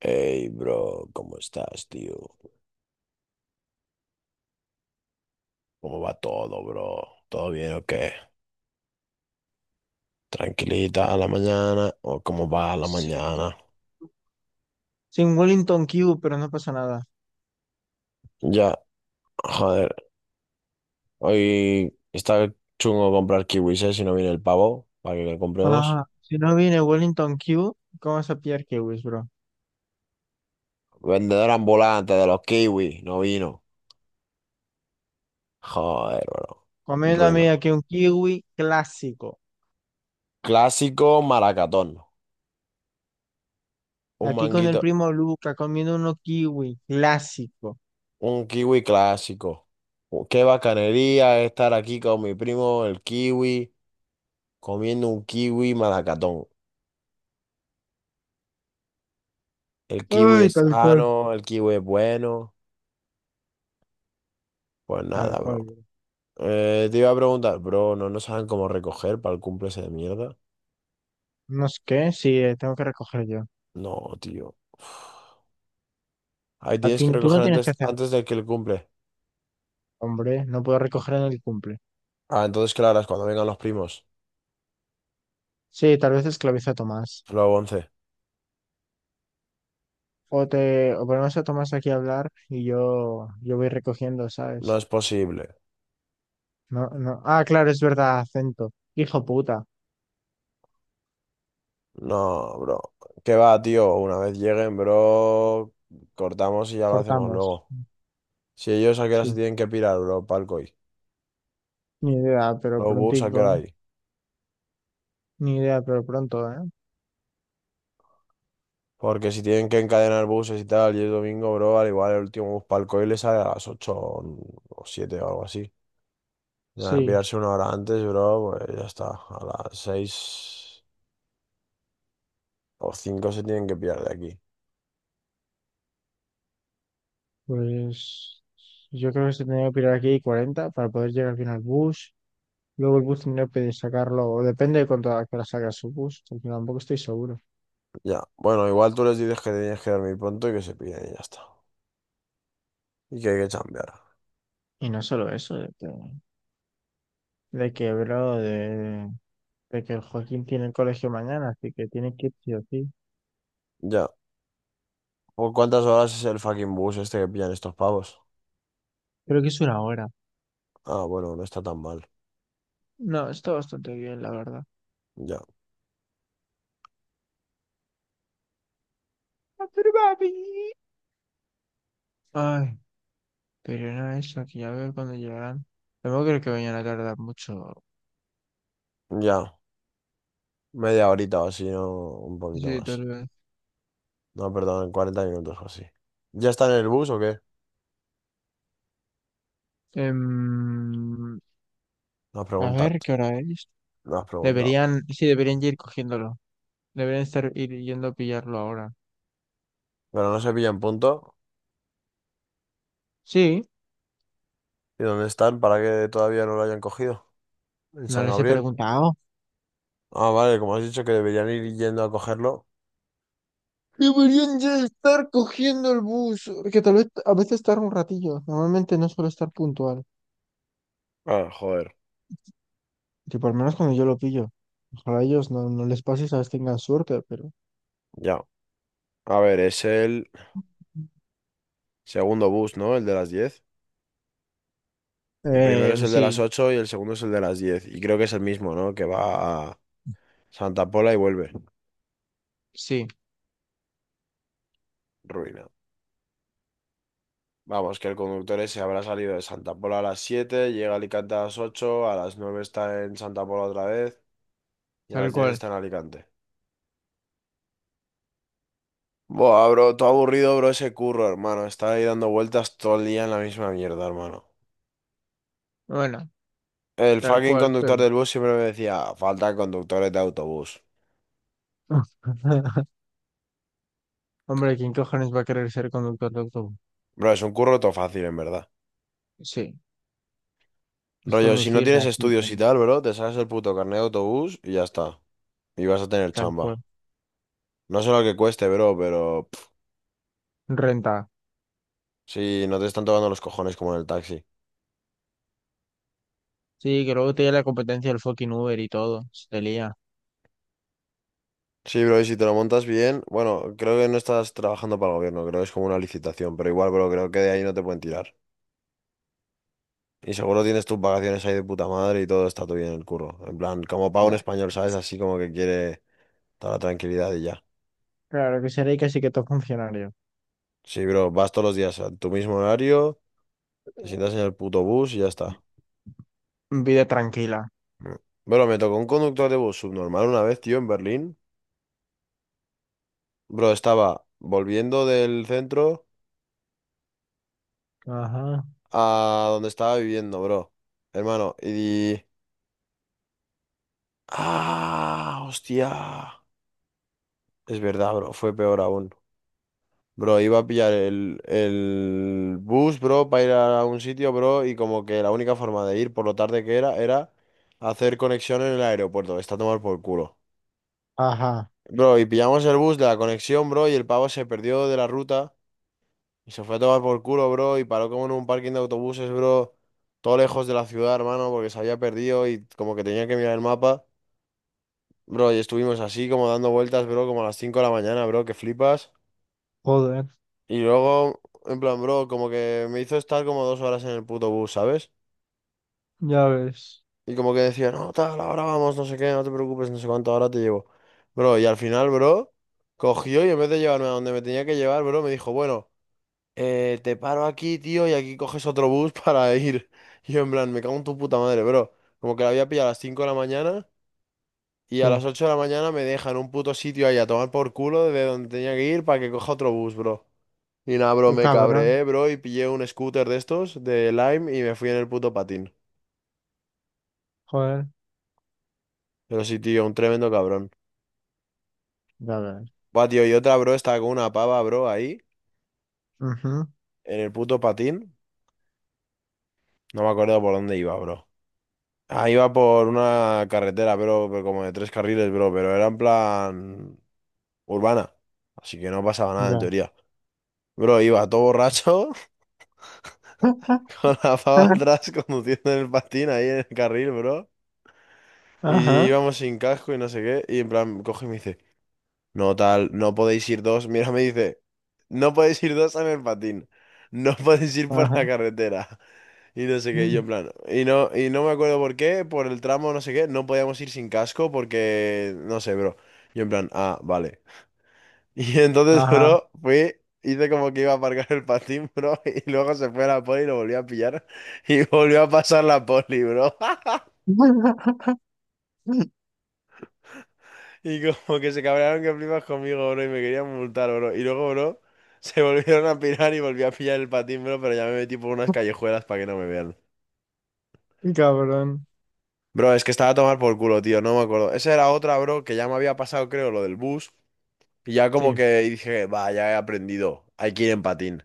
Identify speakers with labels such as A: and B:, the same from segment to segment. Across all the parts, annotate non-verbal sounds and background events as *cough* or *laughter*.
A: Hey, bro, ¿cómo estás, tío? ¿Cómo va todo, bro? ¿Todo bien o qué? ¿Tranquilita a la mañana o cómo va a la
B: Sí,
A: mañana?
B: sin Wellington Q, pero no pasa nada.
A: Ya, joder, hoy está chungo comprar kiwis, ¿eh? Si no viene el pavo, para que le compremos.
B: Ah, si no viene Wellington Q, ¿cómo vas a pillar kiwis, bro?
A: Vendedor ambulante de los kiwis, no vino. Joder, bro,
B: Comiéndome
A: ruina.
B: aquí un kiwi clásico.
A: Clásico maracatón, un
B: Aquí con el
A: manguito,
B: primo Luca, comiendo uno kiwi clásico.
A: un kiwi clásico. Qué bacanería estar aquí con mi primo, el kiwi. Comiendo un kiwi malacatón. El kiwi
B: Ay,
A: es
B: tal cual.
A: sano, el kiwi es bueno. Pues
B: Tal
A: nada,
B: cual,
A: bro.
B: bro.
A: Te iba a preguntar, bro, ¿no saben cómo recoger para el cumple ese de mierda?
B: No sé qué, sí, tengo que recoger yo.
A: No, tío. Uf. Ahí
B: A
A: tienes
B: ti,
A: que
B: tú no
A: recoger
B: tienes que
A: antes,
B: hacer,
A: antes de que el cumple.
B: hombre, no puedo recoger en el cumple.
A: Ah, entonces, claro, es cuando vengan los primos.
B: Sí, tal vez esclaviza a Tomás.
A: Luego 11.
B: O ponemos a Tomás aquí a hablar y yo voy recogiendo,
A: No
B: ¿sabes?
A: es posible.
B: No, no. Ah, claro, es verdad, acento. Hijo puta.
A: No, bro. ¿Qué va, tío? Una vez lleguen, bro, cortamos y ya lo hacemos
B: Cortamos.
A: luego. Si ellos a qué hora se
B: Sí.
A: tienen que pirar, bro, palco hoy.
B: Ni idea, pero
A: Los bus a qué
B: prontico.
A: hora hay.
B: Ni idea, pero pronto, ¿eh?
A: Porque si tienen que encadenar buses y tal, y es domingo, bro, al igual el último bus para el COI le sale a las 8 o 7 o algo así. Tienen que
B: Sí.
A: pillarse una hora antes, bro, pues ya está. A las 6 o 5 se tienen que pillar de aquí.
B: Pues yo creo que se tendría que pirar aquí 40 para poder llegar bien al bus. Luego el bus tendría que sacarlo, o depende de cuánto a qué hora salga su bus, porque tampoco estoy seguro.
A: Ya. Bueno, igual tú les dices que tienes que dormir pronto y que se pillen y ya está. Y que hay que chambear.
B: Y no solo eso, de que, bro, de, de que el Joaquín tiene el colegio mañana, así que tiene que ir sí o sí.
A: Ya. ¿Por cuántas horas es el fucking bus este que pillan estos pavos?
B: Creo que es una hora.
A: Ah, bueno, no está tan mal.
B: No, está bastante bien, la verdad.
A: Ya.
B: Ah, pero papi. Ay, pero era eso, que ya veo cuando llegarán. Luego creo que vayan a tardar mucho.
A: Ya. Media horita o así, ¿no? Un poquito
B: Sí, tal
A: más.
B: vez.
A: No, perdón, 40 minutos o así. ¿Ya está en el bus o qué?
B: Em,
A: No has
B: a
A: preguntado,
B: ver, ¿qué hora es?
A: no has preguntado.
B: Deberían, sí, deberían ya ir cogiéndolo. Deberían estar ir yendo a pillarlo ahora.
A: Pero no se pillan puntos.
B: Sí,
A: ¿Y dónde están para que todavía no lo hayan cogido? En
B: no
A: San
B: les he
A: Gabriel.
B: preguntado.
A: Ah, vale, como has dicho que deberían ir yendo a cogerlo.
B: Deberían ya estar cogiendo el bus, porque tal vez a veces tarda un ratillo. Normalmente no suelo estar puntual.
A: Ah, joder,
B: Tipo, al menos cuando yo lo pillo. Ojalá a ellos no les pase y sabes tengan suerte, pero...
A: ya. A ver, es el segundo bus, ¿no? El de las 10. El primero es el de las
B: Sí,
A: 8 y el segundo es el de las 10. Y creo que es el mismo, ¿no? Que va a Santa Pola y vuelve.
B: sí,
A: Ruina. Vamos, que el conductor ese habrá salido de Santa Pola a las 7, llega a Alicante a las 8, a las 9 está en Santa Pola otra vez y a
B: tal
A: las 10
B: cual.
A: está en Alicante. Buah, bro, todo aburrido, bro, ese curro, hermano. Estaba ahí dando vueltas todo el día en la misma mierda, hermano.
B: Bueno.
A: El
B: Tal
A: fucking
B: cual, pero.
A: conductor del bus siempre me decía, falta conductores de autobús.
B: *laughs* Hombre, ¿quién cojones va a querer ser conductor de autobús?
A: Bro, es un curro todo fácil, en verdad.
B: Sí, es
A: Rollo, si no
B: conducir de
A: tienes
B: aquí
A: estudios
B: para
A: y
B: allá,
A: tal, bro, te sacas el puto carnet de autobús y ya está. Y vas a tener
B: tal cual.
A: chamba. No sé lo que cueste, bro, pero... pff,
B: Renta.
A: sí, no te están tocando los cojones como en el taxi.
B: Sí, que luego tiene la competencia del fucking Uber y todo. Se te lía.
A: Sí, bro, y si te lo montas bien... Bueno, creo que no estás trabajando para el gobierno, creo que es como una licitación, pero igual, bro, creo que de ahí no te pueden tirar. Y seguro tienes tus vacaciones ahí de puta madre y todo está todo bien en el curro. En plan, como pago en
B: Ya.
A: español, ¿sabes? Así como que quiere toda la tranquilidad y ya.
B: Claro que seré casi que todo funcionario.
A: Sí, bro, vas todos los días a tu mismo horario, te sientas en el puto bus y ya está.
B: Vida tranquila.
A: Mm. Bro, me tocó un conductor de bus subnormal una vez, tío, en Berlín. Bro, estaba volviendo del centro
B: Ajá.
A: a donde estaba viviendo, bro. Hermano, y... ¡Ah! ¡Hostia! Es verdad, bro, fue peor aún. Bro, iba a pillar el bus, bro, para ir a un sitio, bro, y como que la única forma de ir por lo tarde que era hacer conexión en el aeropuerto. Está a tomar por culo.
B: Ajá.
A: Bro, y pillamos el bus de la conexión, bro, y el pavo se perdió de la ruta y se fue a tomar por culo, bro, y paró como en un parking de autobuses, bro, todo lejos de la ciudad, hermano, porque se había perdido y como que tenía que mirar el mapa. Bro, y estuvimos así como dando vueltas, bro, como a las 5 de la mañana, bro, que flipas.
B: Joder.
A: Y luego, en plan, bro, como que me hizo estar como 2 horas en el puto bus, ¿sabes?
B: Ya ves.
A: Y como que decía, no, tal, ahora vamos, no sé qué, no te preocupes, no sé cuánto, ahora te llevo. Bro, y al final, bro, cogió y en vez de llevarme a donde me tenía que llevar, bro, me dijo, bueno, te paro aquí, tío, y aquí coges otro bus *laughs* para ir. Y yo, en plan, me cago en tu puta madre, bro. Como que la había pillado a las 5 de la mañana y a
B: Sí.
A: las 8 de la mañana me deja en un puto sitio ahí a tomar por culo de donde tenía que ir para que coja otro bus, bro. Y nada, bro,
B: Qué
A: me
B: cabrón.
A: cabré, bro, y pillé un scooter de estos, de Lime, y me fui en el puto patín.
B: Joder.
A: Pero sí, tío, un tremendo cabrón.
B: Ya ves.
A: Buah, tío, y otra, bro, estaba con una pava, bro, ahí,
B: Ujú.
A: en el puto patín. No me acuerdo por dónde iba, bro. Ah, iba por una carretera, bro, pero como de 3 carriles, bro, pero era en plan urbana. Así que no pasaba nada, en
B: Ya.
A: teoría. Bro, iba todo borracho, *laughs*
B: *laughs*
A: con la pava atrás, conduciendo en el patín ahí en el carril, bro. Y
B: Ajá.
A: íbamos sin casco y no sé qué. Y en plan, coge y me dice. No tal, no podéis ir dos. Mira, me dice, no podéis ir dos en el patín. No *laughs* podéis ir por la
B: Ajá.
A: carretera. Y no sé qué, y yo en plan. Y no me acuerdo por qué, por el tramo, no sé qué, no podíamos ir sin casco porque, no sé, bro. Yo en plan, ah, vale. *laughs* Y entonces,
B: Ajá.
A: bro, fui, hice como que iba a aparcar el patín, *laughs* bro. Y luego se fue a la poli y lo volvió a pillar. Y volvió a pasar la poli, bro.
B: *laughs*
A: Y como que se cabrearon que flipas conmigo, bro, y me querían multar, bro. Y luego, bro, *laughs* se volvieron a pirar y volví a pillar el patín, bro, pero ya me metí por unas callejuelas para que no me vean.
B: Cabrón.
A: Bro, es que estaba a tomar por culo, tío, no me acuerdo. Esa era otra, bro, que ya me había pasado, creo, lo del bus. Y ya como
B: Sí. *laughs*
A: que dije, va, ya he aprendido, hay que ir en patín.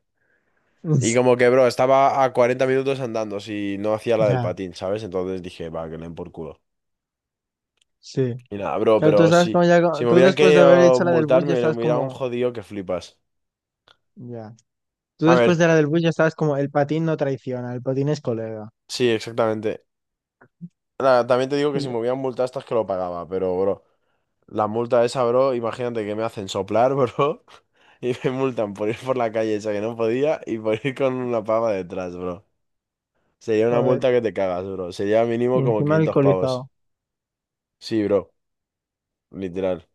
A: Y
B: Es-
A: como que, bro, estaba a 40 minutos andando si no hacía la del
B: ya,
A: patín, ¿sabes? Entonces dije, va, que le den por culo.
B: sí.
A: Y nada, bro,
B: Claro, tú
A: pero
B: estabas
A: sí,
B: como ya, co-
A: si me
B: tú
A: hubieran
B: después de haber
A: querido
B: hecho la del bus ya
A: multarme, me
B: estabas
A: hubieran
B: como,
A: jodido que flipas.
B: ya. Tú
A: A
B: después
A: ver,
B: de la del bus ya estabas como, el patín no traiciona, el patín es colega.
A: sí, exactamente. Nada, también te digo
B: Y
A: que si
B: le-
A: me hubieran multado estas que lo pagaba, pero bro, la multa esa, bro, imagínate que me hacen soplar, bro, *laughs* y me multan por ir por la calle esa que no podía y por ir con una pava detrás, bro. Sería una
B: joder.
A: multa que te cagas, bro. Sería
B: Y
A: mínimo como
B: encima
A: 500
B: alcoholizado.
A: pavos. Sí, bro, literal.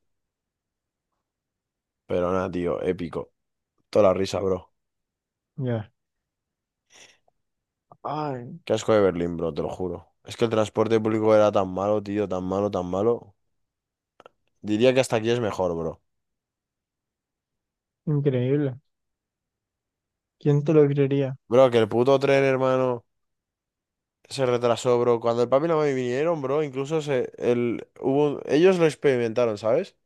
A: Pero nada, tío, épico. Toda la risa, bro.
B: Ya. Ay,
A: Qué asco de Berlín, bro, te lo juro. Es que el transporte público era tan malo, tío, tan malo, tan malo. Diría que hasta aquí es mejor, bro.
B: increíble. ¿Quién te lo creería?
A: Bro, que el puto tren, hermano. Se retrasó, bro. Cuando el papi y la mami vinieron, bro, incluso se, el, hubo un- ellos lo experimentaron, ¿sabes?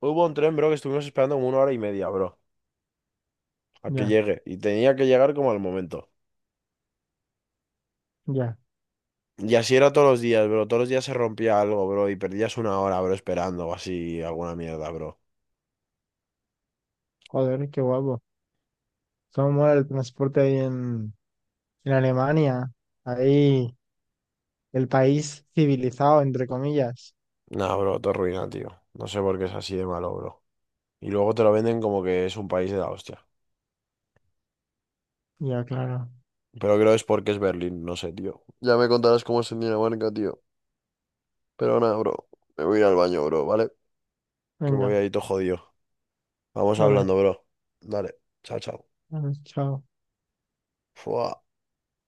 A: Hubo un tren, bro, que estuvimos esperando como una hora y media, bro, a que
B: Ya,
A: llegue. Y tenía que llegar como al momento.
B: ya.
A: Y así era todos los días, bro. Todos los días se rompía algo, bro, y perdías una hora, bro, esperando o así, alguna mierda, bro.
B: Joder, qué guapo. Cómo mola el transporte ahí en Alemania. Ahí, el país civilizado, entre comillas.
A: Nah, bro, todo ruina, tío. No sé por qué es así de malo, bro. Y luego te lo venden como que es un país de la hostia.
B: Ya, claro.
A: Pero creo es porque es Berlín, no sé, tío. Ya me contarás cómo es en Dinamarca, tío. Pero nada, bro. Me voy a ir al baño, bro, ¿vale? Que me voy
B: Venga,
A: ahí todo jodido. Vamos
B: dale.
A: hablando, bro. Dale. Chao, chao.
B: Vale, chao.
A: Fua.